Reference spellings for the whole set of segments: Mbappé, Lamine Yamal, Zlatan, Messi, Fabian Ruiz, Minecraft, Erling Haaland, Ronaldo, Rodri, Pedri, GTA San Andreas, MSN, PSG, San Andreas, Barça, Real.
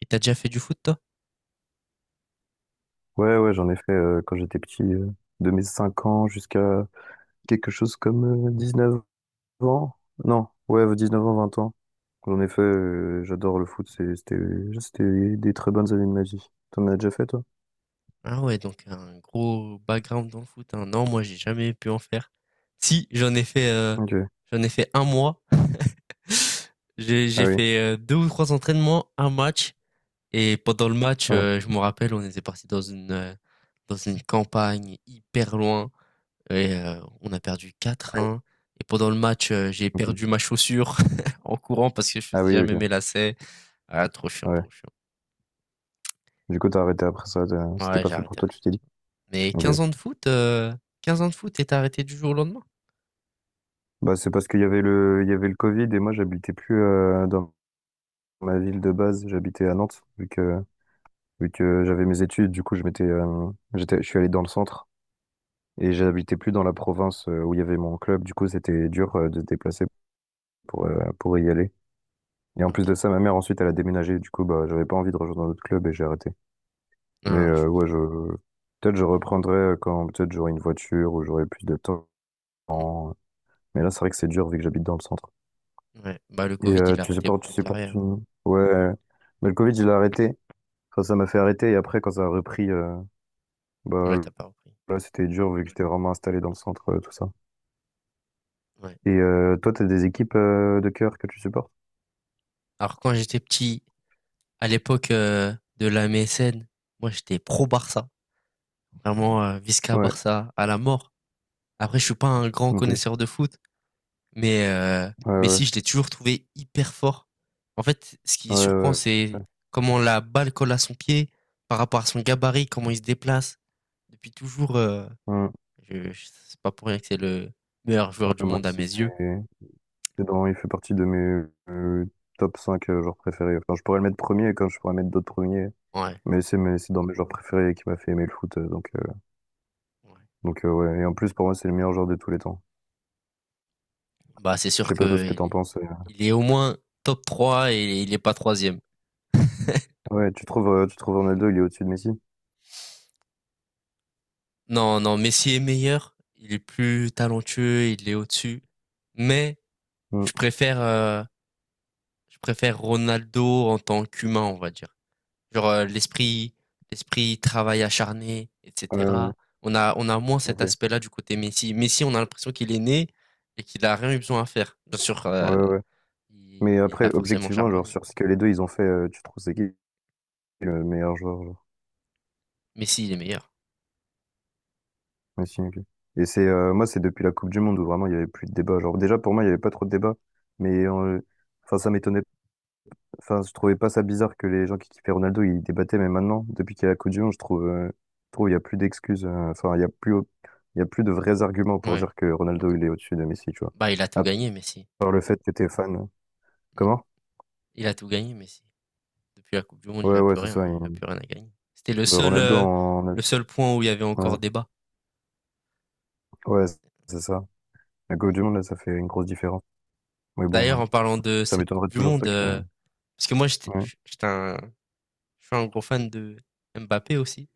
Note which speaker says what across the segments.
Speaker 1: Et t'as déjà fait du foot toi?
Speaker 2: Ouais, ouais, j'en ai fait quand j'étais petit, de mes 5 ans jusqu'à quelque chose comme 9 ans. Non, ouais, 19 ans, 20 ans. J'en ai fait, j'adore le foot, c'était des très bonnes années de ma vie. T'en as déjà fait, toi?
Speaker 1: Ah ouais, donc un gros background dans le foot, hein. Non, moi j'ai jamais pu en faire. Si,
Speaker 2: Ok.
Speaker 1: j'en ai fait un mois. J'ai
Speaker 2: Ah
Speaker 1: j'ai
Speaker 2: oui,
Speaker 1: fait, 2 ou 3 entraînements, un match et pendant le match,
Speaker 2: ouais.
Speaker 1: je me rappelle, on était parti dans une campagne hyper loin et on a perdu
Speaker 2: Ah
Speaker 1: quatre
Speaker 2: oui,
Speaker 1: 1 et pendant le match, j'ai
Speaker 2: ok.
Speaker 1: perdu ma chaussure en courant parce que je
Speaker 2: Ah
Speaker 1: faisais
Speaker 2: oui,
Speaker 1: jamais
Speaker 2: ok.
Speaker 1: mes lacets. Ah trop chiant,
Speaker 2: Ouais.
Speaker 1: trop chiant.
Speaker 2: Du coup, t'as arrêté après ça, c'était
Speaker 1: Ouais,
Speaker 2: pas
Speaker 1: j'ai
Speaker 2: fait pour
Speaker 1: arrêté.
Speaker 2: toi, tu t'es dit?
Speaker 1: Mais
Speaker 2: Ok.
Speaker 1: 15 ans de foot, 15 ans de foot et tu arrêté du jour au lendemain?
Speaker 2: Bah, c'est parce qu'il y avait le Covid et moi, j'habitais plus dans ma ville de base, j'habitais à Nantes, vu que j'avais mes études, du coup, je suis allé dans le centre et j'habitais plus dans la province où il y avait mon club. Du coup, c'était dur de se déplacer pour y aller. Et en plus de
Speaker 1: OK.
Speaker 2: ça, ma mère ensuite, elle a déménagé. Du coup, bah, j'avais pas envie de rejoindre un autre club et j'ai arrêté. Mais
Speaker 1: Ah,
Speaker 2: ouais, je peut-être je reprendrai quand peut-être j'aurai une voiture ou j'aurai plus de temps.
Speaker 1: mmh,
Speaker 2: Mais là, c'est vrai que c'est dur vu que j'habite dans le centre.
Speaker 1: ouais, bah, le
Speaker 2: Et
Speaker 1: Covid, il a arrêté
Speaker 2: tu
Speaker 1: beaucoup de
Speaker 2: supportes
Speaker 1: carrières, hein.
Speaker 2: une... Ouais, mais le Covid, je l'ai arrêté. Enfin, ça m'a fait arrêter et après, quand ça a repris, bah,
Speaker 1: Ouais, t'as pas repris.
Speaker 2: là, c'était dur vu que j'étais vraiment installé dans le centre, tout ça.
Speaker 1: Ouais.
Speaker 2: Et toi, t'as des équipes de cœur que tu supportes?
Speaker 1: Alors quand j'étais petit, à l'époque, de la MSN, moi, j'étais pro Barça. Vraiment, Visca
Speaker 2: Ouais,
Speaker 1: Barça à la mort. Après, je suis pas un grand
Speaker 2: ok.
Speaker 1: connaisseur de foot, mais euh, mais
Speaker 2: Ouais,
Speaker 1: si, je l'ai toujours trouvé hyper fort. En fait, ce qui
Speaker 2: ouais,
Speaker 1: surprend,
Speaker 2: ouais, ouais,
Speaker 1: c'est
Speaker 2: ouais.
Speaker 1: comment la balle colle à son pied, par rapport à son gabarit, comment il se déplace. Depuis toujours,
Speaker 2: Hmm.
Speaker 1: C'est pas pour rien que c'est le meilleur
Speaker 2: Ouais,
Speaker 1: joueur du
Speaker 2: moi
Speaker 1: monde à
Speaker 2: aussi,
Speaker 1: mes yeux.
Speaker 2: c'est dans, il fait partie de mes euh, top 5 genres préférés. Enfin, je pourrais le mettre premier comme je pourrais mettre d'autres premiers.
Speaker 1: Ouais,
Speaker 2: Mais c'est dans mes genres préférés qui m'a fait aimer le foot.
Speaker 1: ouais.
Speaker 2: Donc ouais. Et en plus, pour moi, c'est le meilleur joueur de tous les temps.
Speaker 1: Bah, c'est
Speaker 2: Je
Speaker 1: sûr
Speaker 2: sais
Speaker 1: que
Speaker 2: pas toi ce que
Speaker 1: il
Speaker 2: t'en
Speaker 1: est,
Speaker 2: penses. euh.
Speaker 1: il est au moins top 3 et il est pas troisième.
Speaker 2: Ouais, tu trouves Ronaldo, il est au-dessus de Messi?
Speaker 1: Non, non, Messi est meilleur. Il est plus talentueux, il est au-dessus. Mais
Speaker 2: Hmm.
Speaker 1: je préfère, euh, je préfère Ronaldo en tant qu'humain, on va dire. Genre l'esprit travail acharné,
Speaker 2: Ouais, ouais, ouais.
Speaker 1: etc. On a moins cet
Speaker 2: Ok.
Speaker 1: aspect-là du côté Messi. Messi, on a l'impression qu'il est né et qu'il a rien eu besoin à faire. Bien sûr,
Speaker 2: Ouais, ouais. Mais
Speaker 1: Il a
Speaker 2: après,
Speaker 1: forcément
Speaker 2: objectivement, genre,
Speaker 1: charbonné.
Speaker 2: sur ce que les deux ils ont fait, tu trouves c'est qui le meilleur joueur, genre,
Speaker 1: Messi, il est meilleur.
Speaker 2: Messi MVP? Et moi, c'est depuis la Coupe du Monde où vraiment il y avait plus de débat. Genre, déjà, pour moi, il y avait pas trop de débat. Mais, euh, enfin, ça m'étonnait. Enfin, je trouvais pas ça bizarre que les gens qui kiffaient Ronaldo, ils débattaient. Mais maintenant, depuis qu'il y a la Coupe du Monde, je trouve, il y a plus d'excuses. Enfin, il y a plus de vrais arguments pour
Speaker 1: Ouais.
Speaker 2: dire que Ronaldo, il est au-dessus de Messi, tu vois.
Speaker 1: Bah, il a tout
Speaker 2: À
Speaker 1: gagné, Messi.
Speaker 2: part le fait que t'es fan.
Speaker 1: Mmh.
Speaker 2: Comment?
Speaker 1: Il a tout gagné, Messi. Depuis la Coupe du monde, il
Speaker 2: Ouais,
Speaker 1: a
Speaker 2: ouais,
Speaker 1: plus
Speaker 2: c'est
Speaker 1: rien,
Speaker 2: ça.
Speaker 1: hein. Il a plus rien à gagner. C'était le
Speaker 2: Bah,
Speaker 1: seul, heu, le seul point où il y avait encore
Speaker 2: Ouais,
Speaker 1: débat.
Speaker 2: ouais, c'est ça. La Coupe du Monde, là, ça fait une grosse différence. Mais bon,
Speaker 1: D'ailleurs, en parlant de
Speaker 2: ça
Speaker 1: cette Coupe
Speaker 2: m'étonnerait
Speaker 1: du
Speaker 2: toujours
Speaker 1: monde,
Speaker 2: pas que.
Speaker 1: parce que moi, j'étais
Speaker 2: Ouais,
Speaker 1: j j'étais un je suis un gros fan de Mbappé aussi.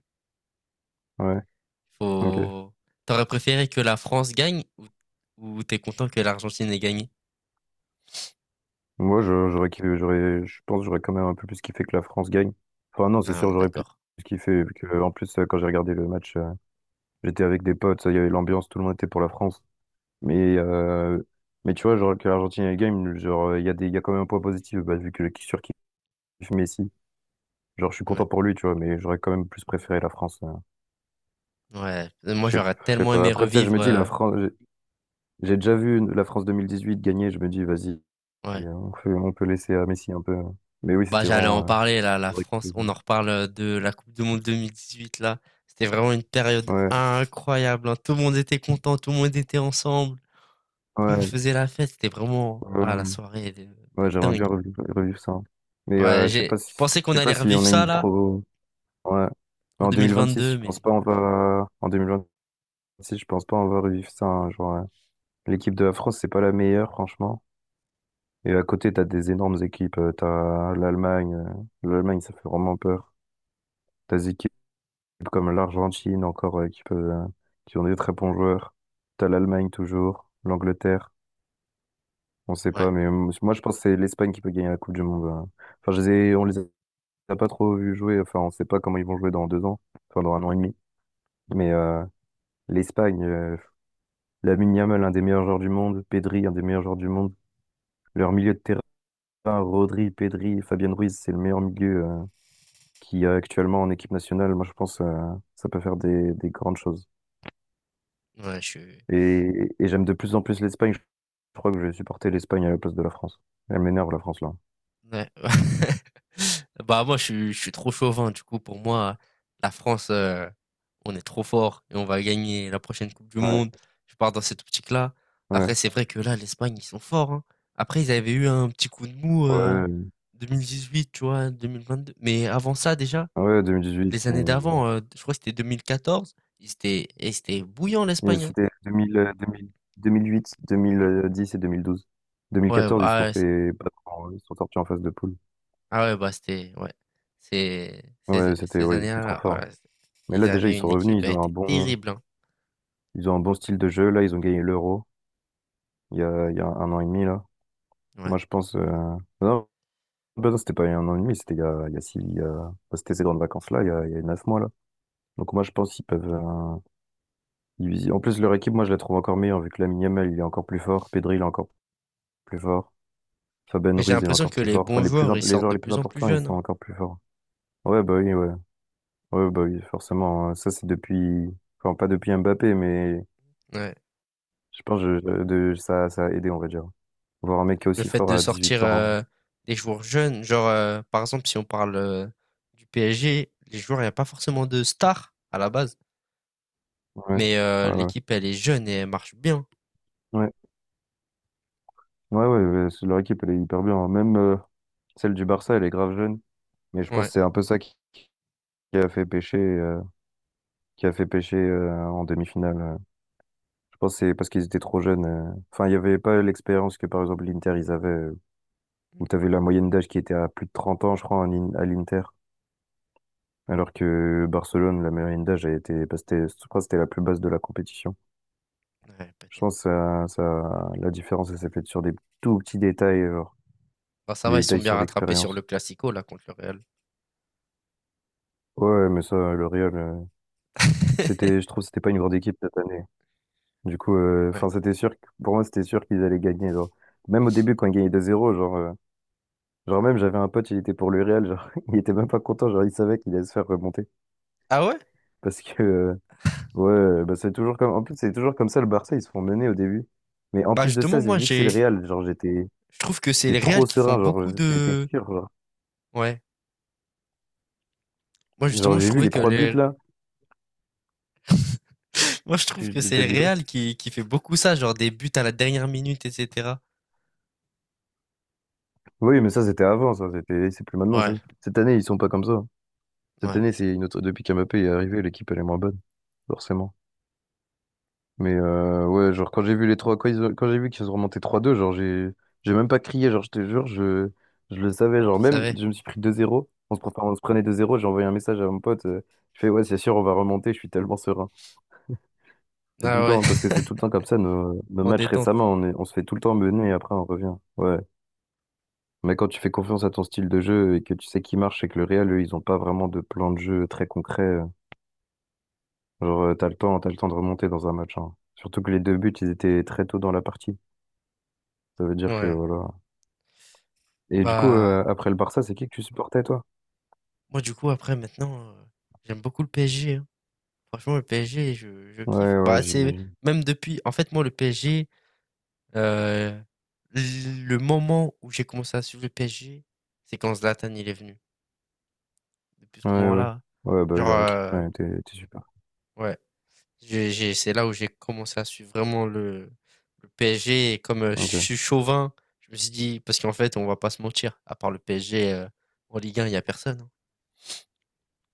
Speaker 2: ouais, ok.
Speaker 1: Faut t'aurais préféré que la France gagne ou t'es content que l'Argentine ait gagné?
Speaker 2: Moi, j'aurais kiffé, j'aurais, je pense, que j'aurais quand même un peu plus kiffé que la France gagne. Enfin, non, c'est
Speaker 1: Ah, on
Speaker 2: sûr,
Speaker 1: est
Speaker 2: j'aurais plus
Speaker 1: d'accord.
Speaker 2: kiffé. Vu que, en plus, quand j'ai regardé le match, j'étais avec des potes, il y avait l'ambiance, tout le monde était pour la France. Mais, euh, mais tu vois, genre, que l'Argentine elle gagne, genre, il y a quand même un point positif, bah, vu que je surkiffe Messi. Genre, je suis content
Speaker 1: Ouais.
Speaker 2: pour lui, tu vois, mais j'aurais quand même plus préféré la France.
Speaker 1: Ouais. Moi,
Speaker 2: je sais
Speaker 1: j'aurais
Speaker 2: je sais
Speaker 1: tellement
Speaker 2: pas.
Speaker 1: aimé
Speaker 2: Après, tu sais, je
Speaker 1: revivre,
Speaker 2: me dis, la France. J'ai déjà vu la France 2018 gagner, je me dis, vas-y,
Speaker 1: ouais.
Speaker 2: hein, on peut laisser à Messi un peu, hein. Mais oui,
Speaker 1: Bah,
Speaker 2: c'était
Speaker 1: j'allais en
Speaker 2: vraiment.
Speaker 1: parler là, la
Speaker 2: C'est vrai que-
Speaker 1: France. On en reparle de la Coupe du Monde 2018 là. C'était vraiment une période
Speaker 2: Ouais,
Speaker 1: incroyable, hein. Tout le monde était content, tout le monde était ensemble,
Speaker 2: ouais,
Speaker 1: tout le monde faisait la fête. C'était vraiment
Speaker 2: ouais,
Speaker 1: ah, la soirée de,
Speaker 2: ouais,
Speaker 1: de
Speaker 2: j'aimerais
Speaker 1: dingue.
Speaker 2: bien revivre ça. Mais
Speaker 1: Ouais, je pensais qu'on
Speaker 2: je sais pas
Speaker 1: allait
Speaker 2: si
Speaker 1: revivre
Speaker 2: on a
Speaker 1: ça
Speaker 2: une
Speaker 1: là
Speaker 2: trop. Ouais. Mais
Speaker 1: en
Speaker 2: en 2026, je
Speaker 1: 2022, mais
Speaker 2: pense pas on
Speaker 1: dommage.
Speaker 2: va. En 2026, je pense pas on va revivre ça, hein, genre, l'équipe de la France, c'est pas la meilleure, franchement. Et à côté, t'as des énormes équipes. T'as l'Allemagne. L'Allemagne, ça fait vraiment peur. T'as Zeke comme l'Argentine encore qui ont des très bons joueurs. T'as l'Allemagne toujours, l'Angleterre, on sait
Speaker 1: Ouais,
Speaker 2: pas, mais moi je pense que c'est l'Espagne qui peut gagner la Coupe du Monde. Enfin, on les a pas trop vus jouer, enfin on sait pas comment ils vont jouer dans 2 ans, enfin dans un an et demi. Mais l'Espagne, Lamine Yamal, un des meilleurs joueurs du monde, Pedri, un des meilleurs joueurs du monde, leur milieu de terrain, Rodri, Pedri, Fabien Ruiz, c'est le meilleur milieu qui y a actuellement en équipe nationale. Moi je pense ça peut faire des grandes choses.
Speaker 1: ouais, je,
Speaker 2: Et, et j'aime de plus en plus l'Espagne. Je crois que je vais supporter l'Espagne à la place de la France. Elle m'énerve, la France, là.
Speaker 1: Ouais. Bah, moi, je suis trop chauvin. Du coup, pour moi, la France, on est trop fort et on va gagner la prochaine coupe du
Speaker 2: Ouais,
Speaker 1: monde. Je pars dans cette optique-là.
Speaker 2: ouais,
Speaker 1: Après, c'est vrai que là, l'Espagne, ils sont forts, hein. Après, ils avaient eu un petit coup de mou,
Speaker 2: ouais,
Speaker 1: 2018, tu vois? 2022. Mais avant ça, déjà,
Speaker 2: ouais, 2018.
Speaker 1: les années
Speaker 2: mais-
Speaker 1: d'avant, je crois que c'était 2014, ils étaient bouillants,
Speaker 2: mais
Speaker 1: l'Espagne, hein.
Speaker 2: c'était 2000, 2008, 2010 et 2012.
Speaker 1: Ouais,
Speaker 2: 2014, ils se
Speaker 1: ah
Speaker 2: sont
Speaker 1: ouais,
Speaker 2: fait battre, ils se sont sortis en phase de poule.
Speaker 1: ah ouais, bah, c'était ouais. Ces ces ces
Speaker 2: Ouais, c'était trop
Speaker 1: années-là, oh
Speaker 2: fort.
Speaker 1: là,
Speaker 2: Mais
Speaker 1: ils
Speaker 2: là, déjà, ils
Speaker 1: avaient
Speaker 2: sont
Speaker 1: une équipe,
Speaker 2: revenus,
Speaker 1: elle était terrible, hein.
Speaker 2: ils ont un bon style de jeu. Là, ils ont gagné l'Euro il y a un an et demi, là.
Speaker 1: Ouais.
Speaker 2: Moi, je pense, non, bah non, c'était pas il y a un an et demi, c'était il y a six, il y a- bah, c'était ces grandes vacances-là, il y a 9 mois, là. Donc moi je pense qu'ils peuvent diviser. En plus leur équipe, moi je la trouve encore meilleure vu que Lamine Yamal il est encore plus fort, Pedri il est encore plus fort,
Speaker 1: Mais
Speaker 2: Fabian
Speaker 1: j'ai
Speaker 2: Ruiz il est
Speaker 1: l'impression
Speaker 2: encore
Speaker 1: que
Speaker 2: plus
Speaker 1: les
Speaker 2: fort. Enfin
Speaker 1: bons joueurs, ils
Speaker 2: les
Speaker 1: sortent
Speaker 2: joueurs
Speaker 1: de
Speaker 2: les plus
Speaker 1: plus en plus
Speaker 2: importants ils
Speaker 1: jeunes,
Speaker 2: sont
Speaker 1: hein.
Speaker 2: encore plus forts. Ouais, bah oui, ouais, ouais, bah oui, forcément, hein. Ça c'est depuis, enfin pas depuis Mbappé, mais
Speaker 1: Ouais.
Speaker 2: je pense que de ça, ça a aidé, on va dire. Voir un mec qui est
Speaker 1: Le
Speaker 2: aussi
Speaker 1: fait
Speaker 2: fort
Speaker 1: de
Speaker 2: à
Speaker 1: sortir,
Speaker 2: 18 ans.
Speaker 1: des joueurs jeunes, genre, par exemple, si on parle, du PSG, les joueurs, il y a pas forcément de stars à la base,
Speaker 2: Ouais,
Speaker 1: mais
Speaker 2: ouais, ouais,
Speaker 1: l'équipe, elle est jeune et elle marche bien.
Speaker 2: ouais, ouais, ouais, ouais, leur équipe elle est hyper bien, hein. Même celle du Barça elle est grave jeune mais je pense
Speaker 1: Ouais,
Speaker 2: que c'est un peu ça qui a fait pêcher. euh, qui a fait pêcher en demi-finale. Je pense que c'est parce qu'ils étaient trop jeunes. Enfin, il n'y avait pas l'expérience que, par exemple, l'Inter, ils avaient, où tu avais la moyenne d'âge qui était à plus de 30 ans, je crois, à l'Inter. Alors que Barcelone, la moyenne d'âge a été, bah, c'était, je crois que c'était la plus basse de la compétition.
Speaker 1: ouais,
Speaker 2: Je
Speaker 1: peut-être.
Speaker 2: pense que ça, la différence, elle s'est faite sur des tout petits détails, genre,
Speaker 1: Bah, ça
Speaker 2: des
Speaker 1: va, ils sont
Speaker 2: détails
Speaker 1: bien
Speaker 2: sur
Speaker 1: rattrapés sur le
Speaker 2: l'expérience.
Speaker 1: classico là contre le Real.
Speaker 2: Ouais, mais ça, le Real, c'était, je trouve, que c'était pas une grande équipe cette année. Du coup,
Speaker 1: Ouais.
Speaker 2: enfin, pour moi, c'était sûr qu'ils allaient gagner, genre. Même au début, quand ils gagnaient 2 zéro, genre, genre même j'avais un pote, il était pour le Real, genre il était même pas content, genre il savait qu'il allait se faire remonter.
Speaker 1: Ah ouais?
Speaker 2: Parce que ouais, ouais, bah c'est toujours comme. En plus c'est toujours comme ça le Barça, ils se font mener au début. Mais en
Speaker 1: Bah,
Speaker 2: plus de ça,
Speaker 1: justement, moi,
Speaker 2: vu que c'est
Speaker 1: j'ai
Speaker 2: le Real, genre
Speaker 1: Je trouve que c'est
Speaker 2: j'étais
Speaker 1: les
Speaker 2: trop
Speaker 1: Real qui font
Speaker 2: serein, genre
Speaker 1: beaucoup
Speaker 2: j'étais
Speaker 1: de.
Speaker 2: sûr, genre.
Speaker 1: Ouais. Moi,
Speaker 2: Genre
Speaker 1: justement, je
Speaker 2: j'ai vu
Speaker 1: trouvais
Speaker 2: les
Speaker 1: que
Speaker 2: trois buts
Speaker 1: les.
Speaker 2: là.
Speaker 1: Moi, je trouve
Speaker 2: Tu
Speaker 1: que c'est
Speaker 2: t'as
Speaker 1: le
Speaker 2: dit quoi?
Speaker 1: Real qui fait beaucoup ça, genre des buts à la dernière minute, etc.
Speaker 2: Oui, mais ça c'était avant, ça, c'est plus maintenant ça.
Speaker 1: Ouais,
Speaker 2: Cette année, ils sont pas comme ça. Cette
Speaker 1: ouais.
Speaker 2: année, c'est une autre depuis qu'Mbappé est arrivé, l'équipe elle est moins bonne, forcément. Mais ouais, genre quand j'ai vu qu'ils ont remonté 3-2, genre j'ai même pas crié, genre je te jure, je le savais,
Speaker 1: Tu
Speaker 2: genre même
Speaker 1: savais.
Speaker 2: je me suis pris 2-0, on se prenait 2-0, j'ai envoyé un message à mon pote, je fais ouais, c'est sûr, on va remonter, je suis tellement serein. C'est tout
Speaker 1: Ah
Speaker 2: le
Speaker 1: ouais,
Speaker 2: temps, hein, parce que c'est tout le temps comme ça, nos
Speaker 1: en
Speaker 2: matchs
Speaker 1: détente.
Speaker 2: récemment, on se fait tout le temps mener et après on revient. Ouais. Mais quand tu fais confiance à ton style de jeu et que tu sais qui marche et que le Real, eux, ils ont pas vraiment de plan de jeu très concret, genre t'as le temps de remonter dans un match, hein. Surtout que les deux buts, ils étaient très tôt dans la partie. Ça veut dire que
Speaker 1: Ouais.
Speaker 2: voilà. Et du coup,
Speaker 1: Bah,
Speaker 2: après le Barça, c'est qui que tu supportais, toi?
Speaker 1: moi, du coup, après, maintenant, j'aime beaucoup le PSG, hein. Franchement, le PSG, je kiffe.
Speaker 2: Ouais, ouais,
Speaker 1: Bah, c'est
Speaker 2: j'imagine.
Speaker 1: même depuis. En fait, moi, le PSG, euh, le moment où j'ai commencé à suivre le PSG, c'est quand Zlatan il est venu. Depuis ce
Speaker 2: Ouais, ouais.
Speaker 1: moment-là.
Speaker 2: Ouais, bah oui,
Speaker 1: Genre,
Speaker 2: leur équipe, là, était super.
Speaker 1: ouais. C'est là où j'ai commencé à suivre vraiment le PSG. Et comme je
Speaker 2: Ok.
Speaker 1: suis chauvin, je me suis dit, parce qu'en fait, on va pas se mentir, à part le PSG, en Ligue 1, il n'y a personne, hein.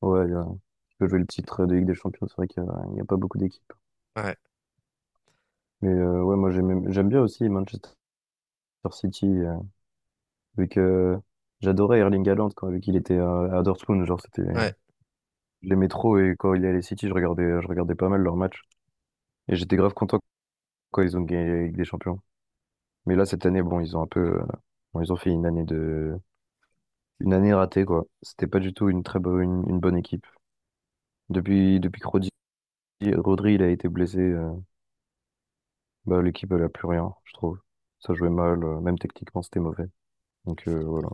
Speaker 2: Ouais, tu peux jouer le titre de Ligue des Champions, c'est vrai il y a pas beaucoup d'équipes.
Speaker 1: Ouais,
Speaker 2: Mais ouais, moi, j'aime bien aussi Manchester City, vu que j'adorais Erling Haaland, quand, vu qu'il était à Dortmund, genre, c'était, j'aimais
Speaker 1: ouais,
Speaker 2: trop, et quand il allait City, je regardais pas mal leurs matchs. Et j'étais grave content quand ils ont gagné la Ligue des Champions. Mais là, cette année, bon, ils ont un peu, bon, ils ont fait une année ratée, quoi. C'était pas du tout une très bonne, une bonne équipe. Depuis que Rodri, il a été blessé, bah, l'équipe, elle a plus rien, je trouve. Ça jouait mal, même techniquement, c'était mauvais.
Speaker 1: je
Speaker 2: Donc
Speaker 1: suis d'accord.
Speaker 2: voilà.